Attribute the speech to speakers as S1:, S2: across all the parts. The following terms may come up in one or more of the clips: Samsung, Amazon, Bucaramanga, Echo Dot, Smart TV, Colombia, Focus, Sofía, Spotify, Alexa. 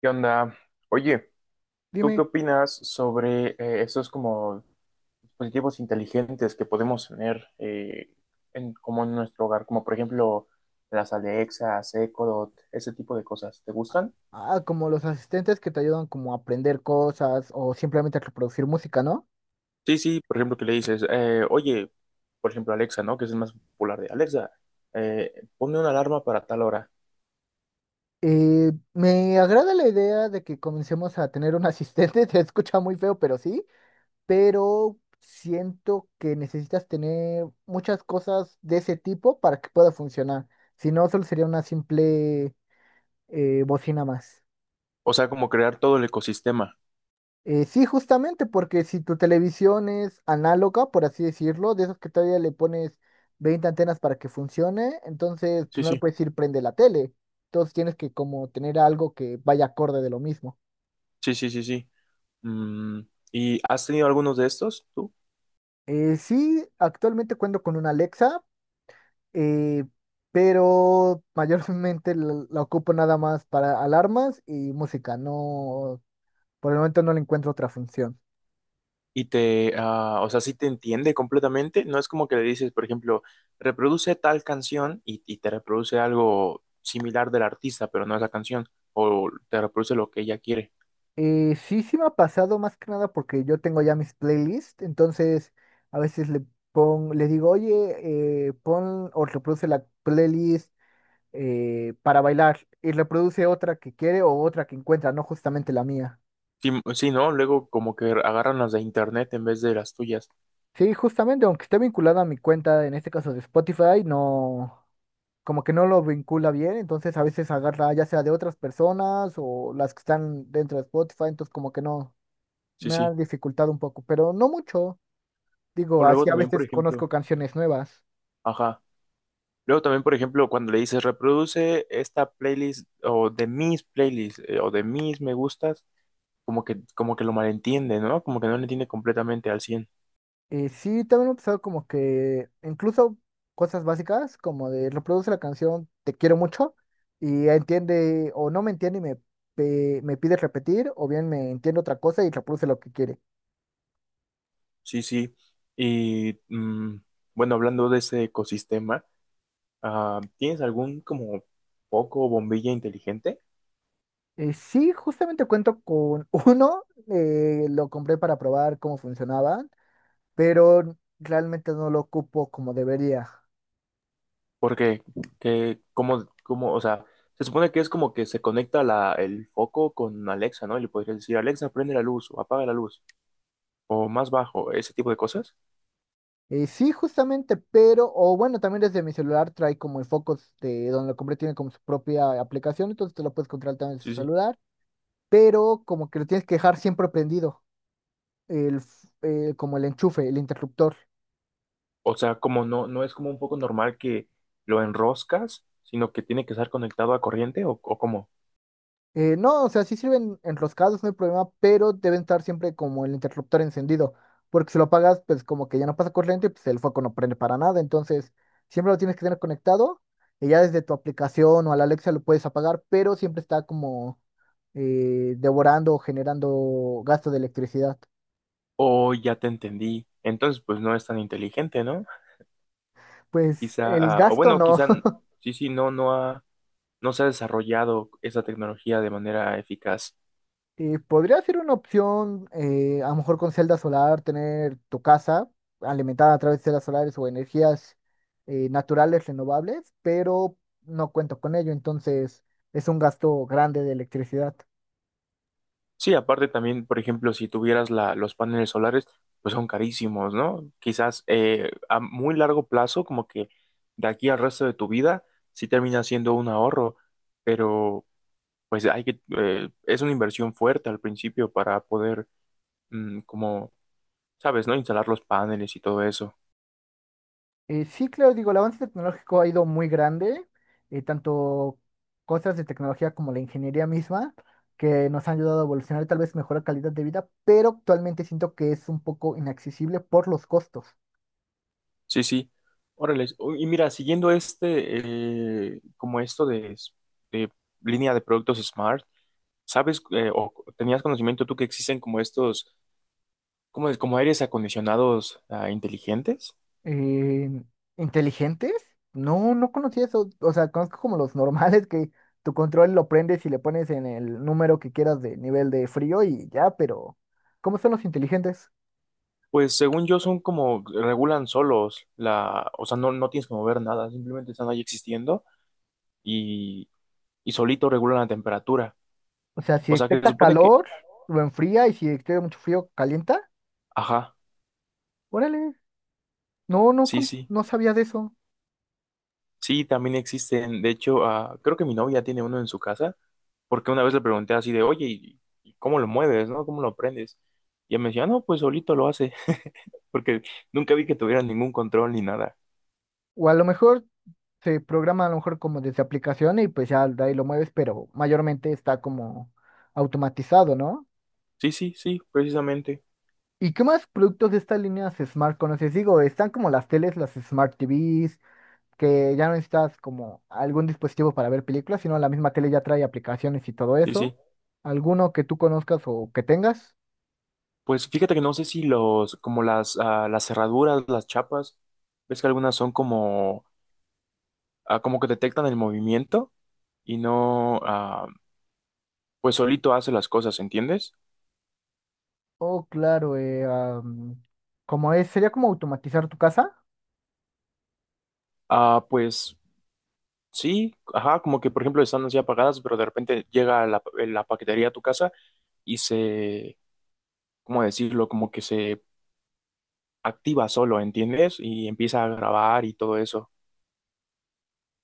S1: ¿Qué onda? Oye, ¿tú qué
S2: Dime,
S1: opinas sobre esos como dispositivos inteligentes que podemos tener en, como en nuestro hogar? Como por ejemplo las Alexas, Echo Dot, ese tipo de cosas. ¿Te gustan?
S2: como los asistentes que te ayudan como a aprender cosas o simplemente a reproducir música, ¿no?
S1: Sí, sí, por ejemplo, que le dices, oye, por ejemplo, Alexa, ¿no? Que es el más popular de Alexa, eh, ponme una alarma para tal hora.
S2: Me agrada la idea de que comencemos a tener un asistente, te escucha muy feo, pero sí, pero siento que necesitas tener muchas cosas de ese tipo para que pueda funcionar. Si no, solo sería una simple bocina más.
S1: O sea, como crear todo el ecosistema.
S2: Sí, justamente, porque si tu televisión es análoga, por así decirlo, de esos que todavía le pones 20 antenas para que funcione, entonces pues,
S1: Sí,
S2: no le
S1: sí.
S2: puedes decir prende la tele. Entonces tienes que como tener algo que vaya acorde de lo mismo.
S1: Sí, sí, sí, sí. Mm, ¿Y has tenido algunos de estos tú?
S2: Sí, actualmente cuento con una Alexa, eh, pero mayormente la ocupo nada más para alarmas y música. No, por el momento no le encuentro otra función.
S1: O sea, sí te entiende completamente. No es como que le dices, por ejemplo, reproduce tal canción y te reproduce algo similar del artista, pero no esa canción, o te reproduce lo que ella quiere.
S2: Sí, sí me ha pasado más que nada porque yo tengo ya mis playlists, entonces a veces le le digo, oye, pon o reproduce la playlist para bailar y reproduce otra que quiere o otra que encuentra, no justamente la mía.
S1: Sí, sí, ¿no? Luego como que agarran las de internet en vez de las tuyas.
S2: Sí, justamente, aunque esté vinculada a mi cuenta, en este caso de Spotify, no, como que no lo vincula bien, entonces a veces agarra ya sea de otras personas o las que están dentro de Spotify, entonces como que no,
S1: Sí,
S2: me ha
S1: sí.
S2: dificultado un poco, pero no mucho.
S1: O
S2: Digo,
S1: luego
S2: así a
S1: también, por
S2: veces
S1: ejemplo,
S2: conozco canciones nuevas.
S1: ajá. Luego también, por ejemplo, cuando le dices, reproduce esta playlist o de mis playlists o de mis me gustas, como que lo malentiende, ¿no? Como que no lo entiende completamente al cien.
S2: Sí, también he empezado como que incluso cosas básicas, como de reproduce la canción Te quiero mucho y entiende o no me entiende y me pide repetir o bien me entiende otra cosa y reproduce lo que quiere.
S1: Sí, sí. Y bueno, hablando de ese ecosistema, ¿tienes algún como foco o bombilla inteligente?
S2: Sí, justamente cuento con uno, lo compré para probar cómo funcionaban, pero realmente no lo ocupo como debería.
S1: Porque, o sea, se supone que es como que se conecta el foco con Alexa, ¿no? Y le podrías decir, Alexa, prende la luz o apaga la luz o más bajo, ese tipo de cosas.
S2: Sí, justamente, pero, o bueno, también desde mi celular trae como el Focus de donde lo compré, tiene como su propia aplicación, entonces te lo puedes controlar también desde el
S1: Sí, sí.
S2: celular, pero como que lo tienes que dejar siempre prendido, el, f- como el enchufe, el interruptor.
S1: O sea, como no es como un foco normal que lo enroscas, sino que tiene que estar conectado a corriente o cómo.
S2: No, o sea, sí sirven enroscados, no hay problema, pero deben estar siempre como el interruptor encendido, porque si lo apagas, pues como que ya no pasa corriente, pues el foco no prende para nada, entonces siempre lo tienes que tener conectado y ya desde tu aplicación o a la Alexa lo puedes apagar, pero siempre está como devorando o generando gasto de electricidad.
S1: O ya te entendí. Entonces, pues no es tan inteligente, ¿no?
S2: Pues
S1: Quizá,
S2: el
S1: ah, o
S2: gasto
S1: bueno,
S2: no.
S1: quizá, n- sí, sí, no se ha desarrollado esa tecnología de manera eficaz.
S2: Podría ser una opción, a lo mejor con celda solar, tener tu casa alimentada a través de celdas solares o energías naturales renovables, pero no cuento con ello, entonces es un gasto grande de electricidad.
S1: Sí, aparte también, por ejemplo, si tuvieras los paneles solares, pues son carísimos, ¿no? Quizás a muy largo plazo, como que de aquí al resto de tu vida, sí termina siendo un ahorro, pero pues es una inversión fuerte al principio para poder, mm, como, sabes, ¿no? Instalar los paneles y todo eso.
S2: Sí, claro, digo, el avance tecnológico ha ido muy grande, tanto cosas de tecnología como la ingeniería misma, que nos han ayudado a evolucionar, tal vez mejorar calidad de vida, pero actualmente siento que es un poco inaccesible por los costos.
S1: Sí, sí. Órale. Y mira, siguiendo este, como esto de línea de productos Smart, ¿sabes o tenías conocimiento tú que existen como estos, como, como aires acondicionados inteligentes?
S2: Eh, ¿Inteligentes? No, no conocía eso. O sea, conozco como los normales que tu control lo prendes y le pones en el número que quieras de nivel de frío y ya, pero ¿cómo son los inteligentes?
S1: Pues según yo son como, regulan solos o sea, no tienes que mover nada, simplemente están ahí existiendo y, y solito regulan la temperatura.
S2: O sea, si
S1: O sea, que se
S2: detecta
S1: supone que,
S2: calor, lo enfría, y si detecta mucho frío, calienta.
S1: ajá,
S2: Órale,
S1: sí, sí.
S2: no sabía de eso.
S1: Sí, también existen. De hecho, creo que mi novia tiene uno en su casa, porque una vez le pregunté así de, oye, ¿y cómo lo mueves, no? ¿Cómo lo prendes? Y ella me decía, "Ah, no, pues solito lo hace, porque nunca vi que tuviera ningún control ni nada.
S2: O a lo mejor se programa a lo mejor como desde aplicación y pues ya de ahí lo mueves, pero mayormente está como automatizado, ¿no?
S1: Sí, sí, sí, precisamente.
S2: ¿Y qué más productos de estas líneas Smart conoces? Digo, están como las teles, las Smart TVs, que ya no necesitas como algún dispositivo para ver películas, sino la misma tele ya trae aplicaciones y todo
S1: Sí, sí.
S2: eso. ¿Alguno que tú conozcas o que tengas?
S1: Pues fíjate que no sé si los, como las, las cerraduras, las chapas, ves que algunas son como, como que detectan el movimiento y no, pues solito hace las cosas, ¿entiendes?
S2: Oh, claro, como es, sería como automatizar tu casa.
S1: Ah, pues. Sí, ajá, como que por ejemplo están así apagadas, pero de repente llega la paquetería a tu casa y se, ¿cómo decirlo? Como que se activa solo, ¿entiendes? Y empieza a grabar y todo eso.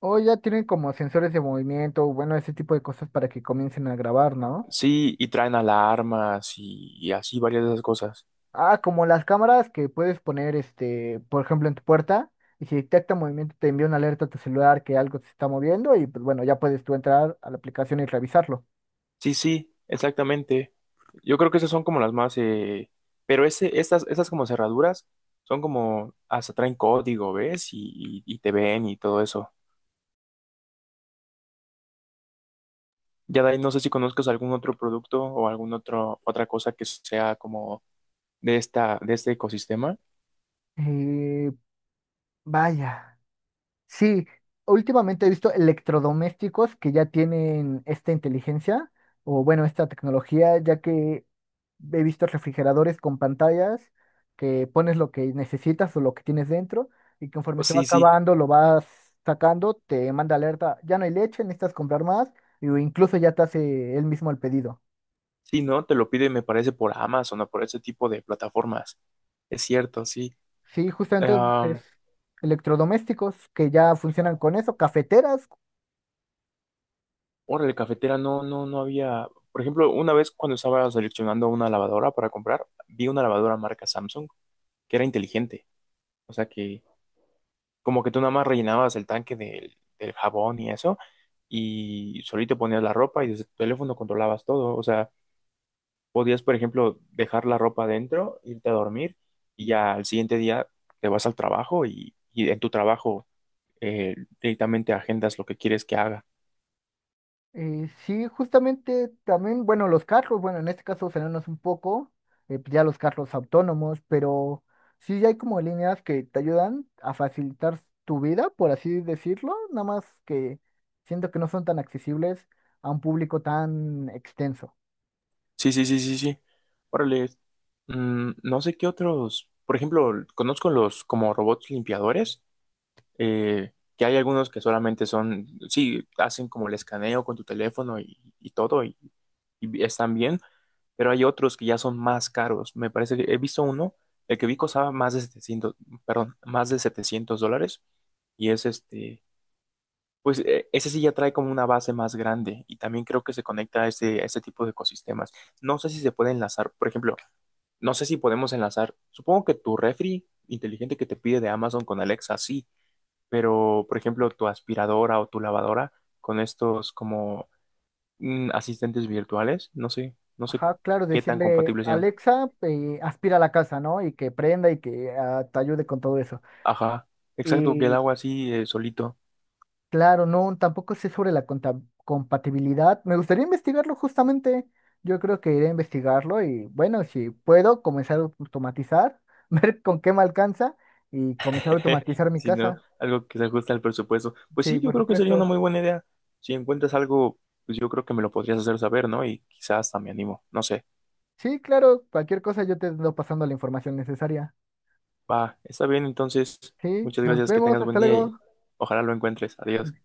S2: O ya tienen como sensores de movimiento, bueno, ese tipo de cosas para que comiencen a grabar, ¿no?
S1: Sí, y traen alarmas y así varias de esas cosas.
S2: Ah, como las cámaras que puedes poner, este, por ejemplo, en tu puerta, y si detecta movimiento te envía una alerta a tu celular que algo se está moviendo, y pues bueno, ya puedes tú entrar a la aplicación y revisarlo.
S1: Sí, sí, exactamente. Yo creo que esas son como las más, pero estas como cerraduras son como, hasta traen código, ¿ves? Y te ven y todo eso. Ya de ahí no sé si conozcas algún otro producto o algún otro otra cosa que sea como de este ecosistema.
S2: Eh, Vaya. Sí, últimamente he visto electrodomésticos que ya tienen esta inteligencia o bueno, esta tecnología, ya que he visto refrigeradores con pantallas que pones lo que necesitas o lo que tienes dentro y
S1: O
S2: conforme se va
S1: sí, sí,
S2: acabando lo vas sacando, te manda alerta, ya no hay leche, necesitas comprar más o incluso ya te hace él mismo el pedido.
S1: sí, no, te lo pide me parece por Amazon o por ese tipo de plataformas. Es cierto, sí.
S2: Sí, justamente
S1: Ahora
S2: entonces, electrodomésticos que ya funcionan con eso, cafeteras.
S1: órale, cafetera, no, no, no había. Por ejemplo, una vez cuando estaba seleccionando una lavadora para comprar, vi una lavadora marca Samsung que era inteligente. O sea que como que tú nada más rellenabas el tanque del jabón y eso, y solito ponías la ropa y desde tu teléfono controlabas todo. O sea, podías, por ejemplo, dejar la ropa adentro, irte a dormir y ya al siguiente día te vas al trabajo y en tu trabajo eh, directamente agendas lo que quieres que haga.
S2: Sí, justamente también, bueno, los carros, bueno, en este caso frenarnos un poco, pues ya los carros autónomos, pero sí ya hay como líneas que te ayudan a facilitar tu vida, por así decirlo, nada más que siento que no son tan accesibles a un público tan extenso.
S1: Sí, sí, sí, sí, sí. Órale. No sé qué otros, por ejemplo, conozco los como robots limpiadores, eh, que hay algunos que solamente son, sí, hacen como el escaneo con tu teléfono y todo y están bien, pero hay otros que ya son más caros. Me parece que he visto uno, el que vi costaba más de 700, perdón, más de $700 y es este, pues ese sí ya trae como una base más grande y también creo que se conecta a ese tipo de ecosistemas. No sé si se puede enlazar, por ejemplo, no sé si podemos enlazar, supongo que tu refri inteligente que te pide de Amazon con Alexa, sí, pero por ejemplo tu aspiradora o tu lavadora con estos como asistentes virtuales, no sé
S2: Ajá, claro,
S1: qué tan
S2: decirle,
S1: compatibles sean.
S2: Alexa, aspira a la casa, ¿no? Y que prenda y que te ayude con todo eso.
S1: Ajá, exacto, que el agua así solito,
S2: Claro, no, tampoco sé sobre la compatibilidad. Me gustaría investigarlo justamente. Yo creo que iré a investigarlo y bueno, si puedo comenzar a automatizar, ver con qué me alcanza y comenzar a automatizar mi
S1: sino
S2: casa.
S1: algo que se ajuste al presupuesto. Pues
S2: Sí,
S1: sí, yo
S2: por
S1: creo que sería una
S2: supuesto.
S1: muy buena idea. Si encuentras algo, pues yo creo que me lo podrías hacer saber, ¿no? Y quizás hasta me animo, no sé.
S2: Sí, claro, cualquier cosa yo te ando pasando la información necesaria.
S1: Va, está bien, entonces,
S2: Sí,
S1: muchas
S2: nos
S1: gracias, que
S2: vemos,
S1: tengas buen
S2: hasta
S1: día y
S2: luego.
S1: ojalá lo encuentres. Adiós.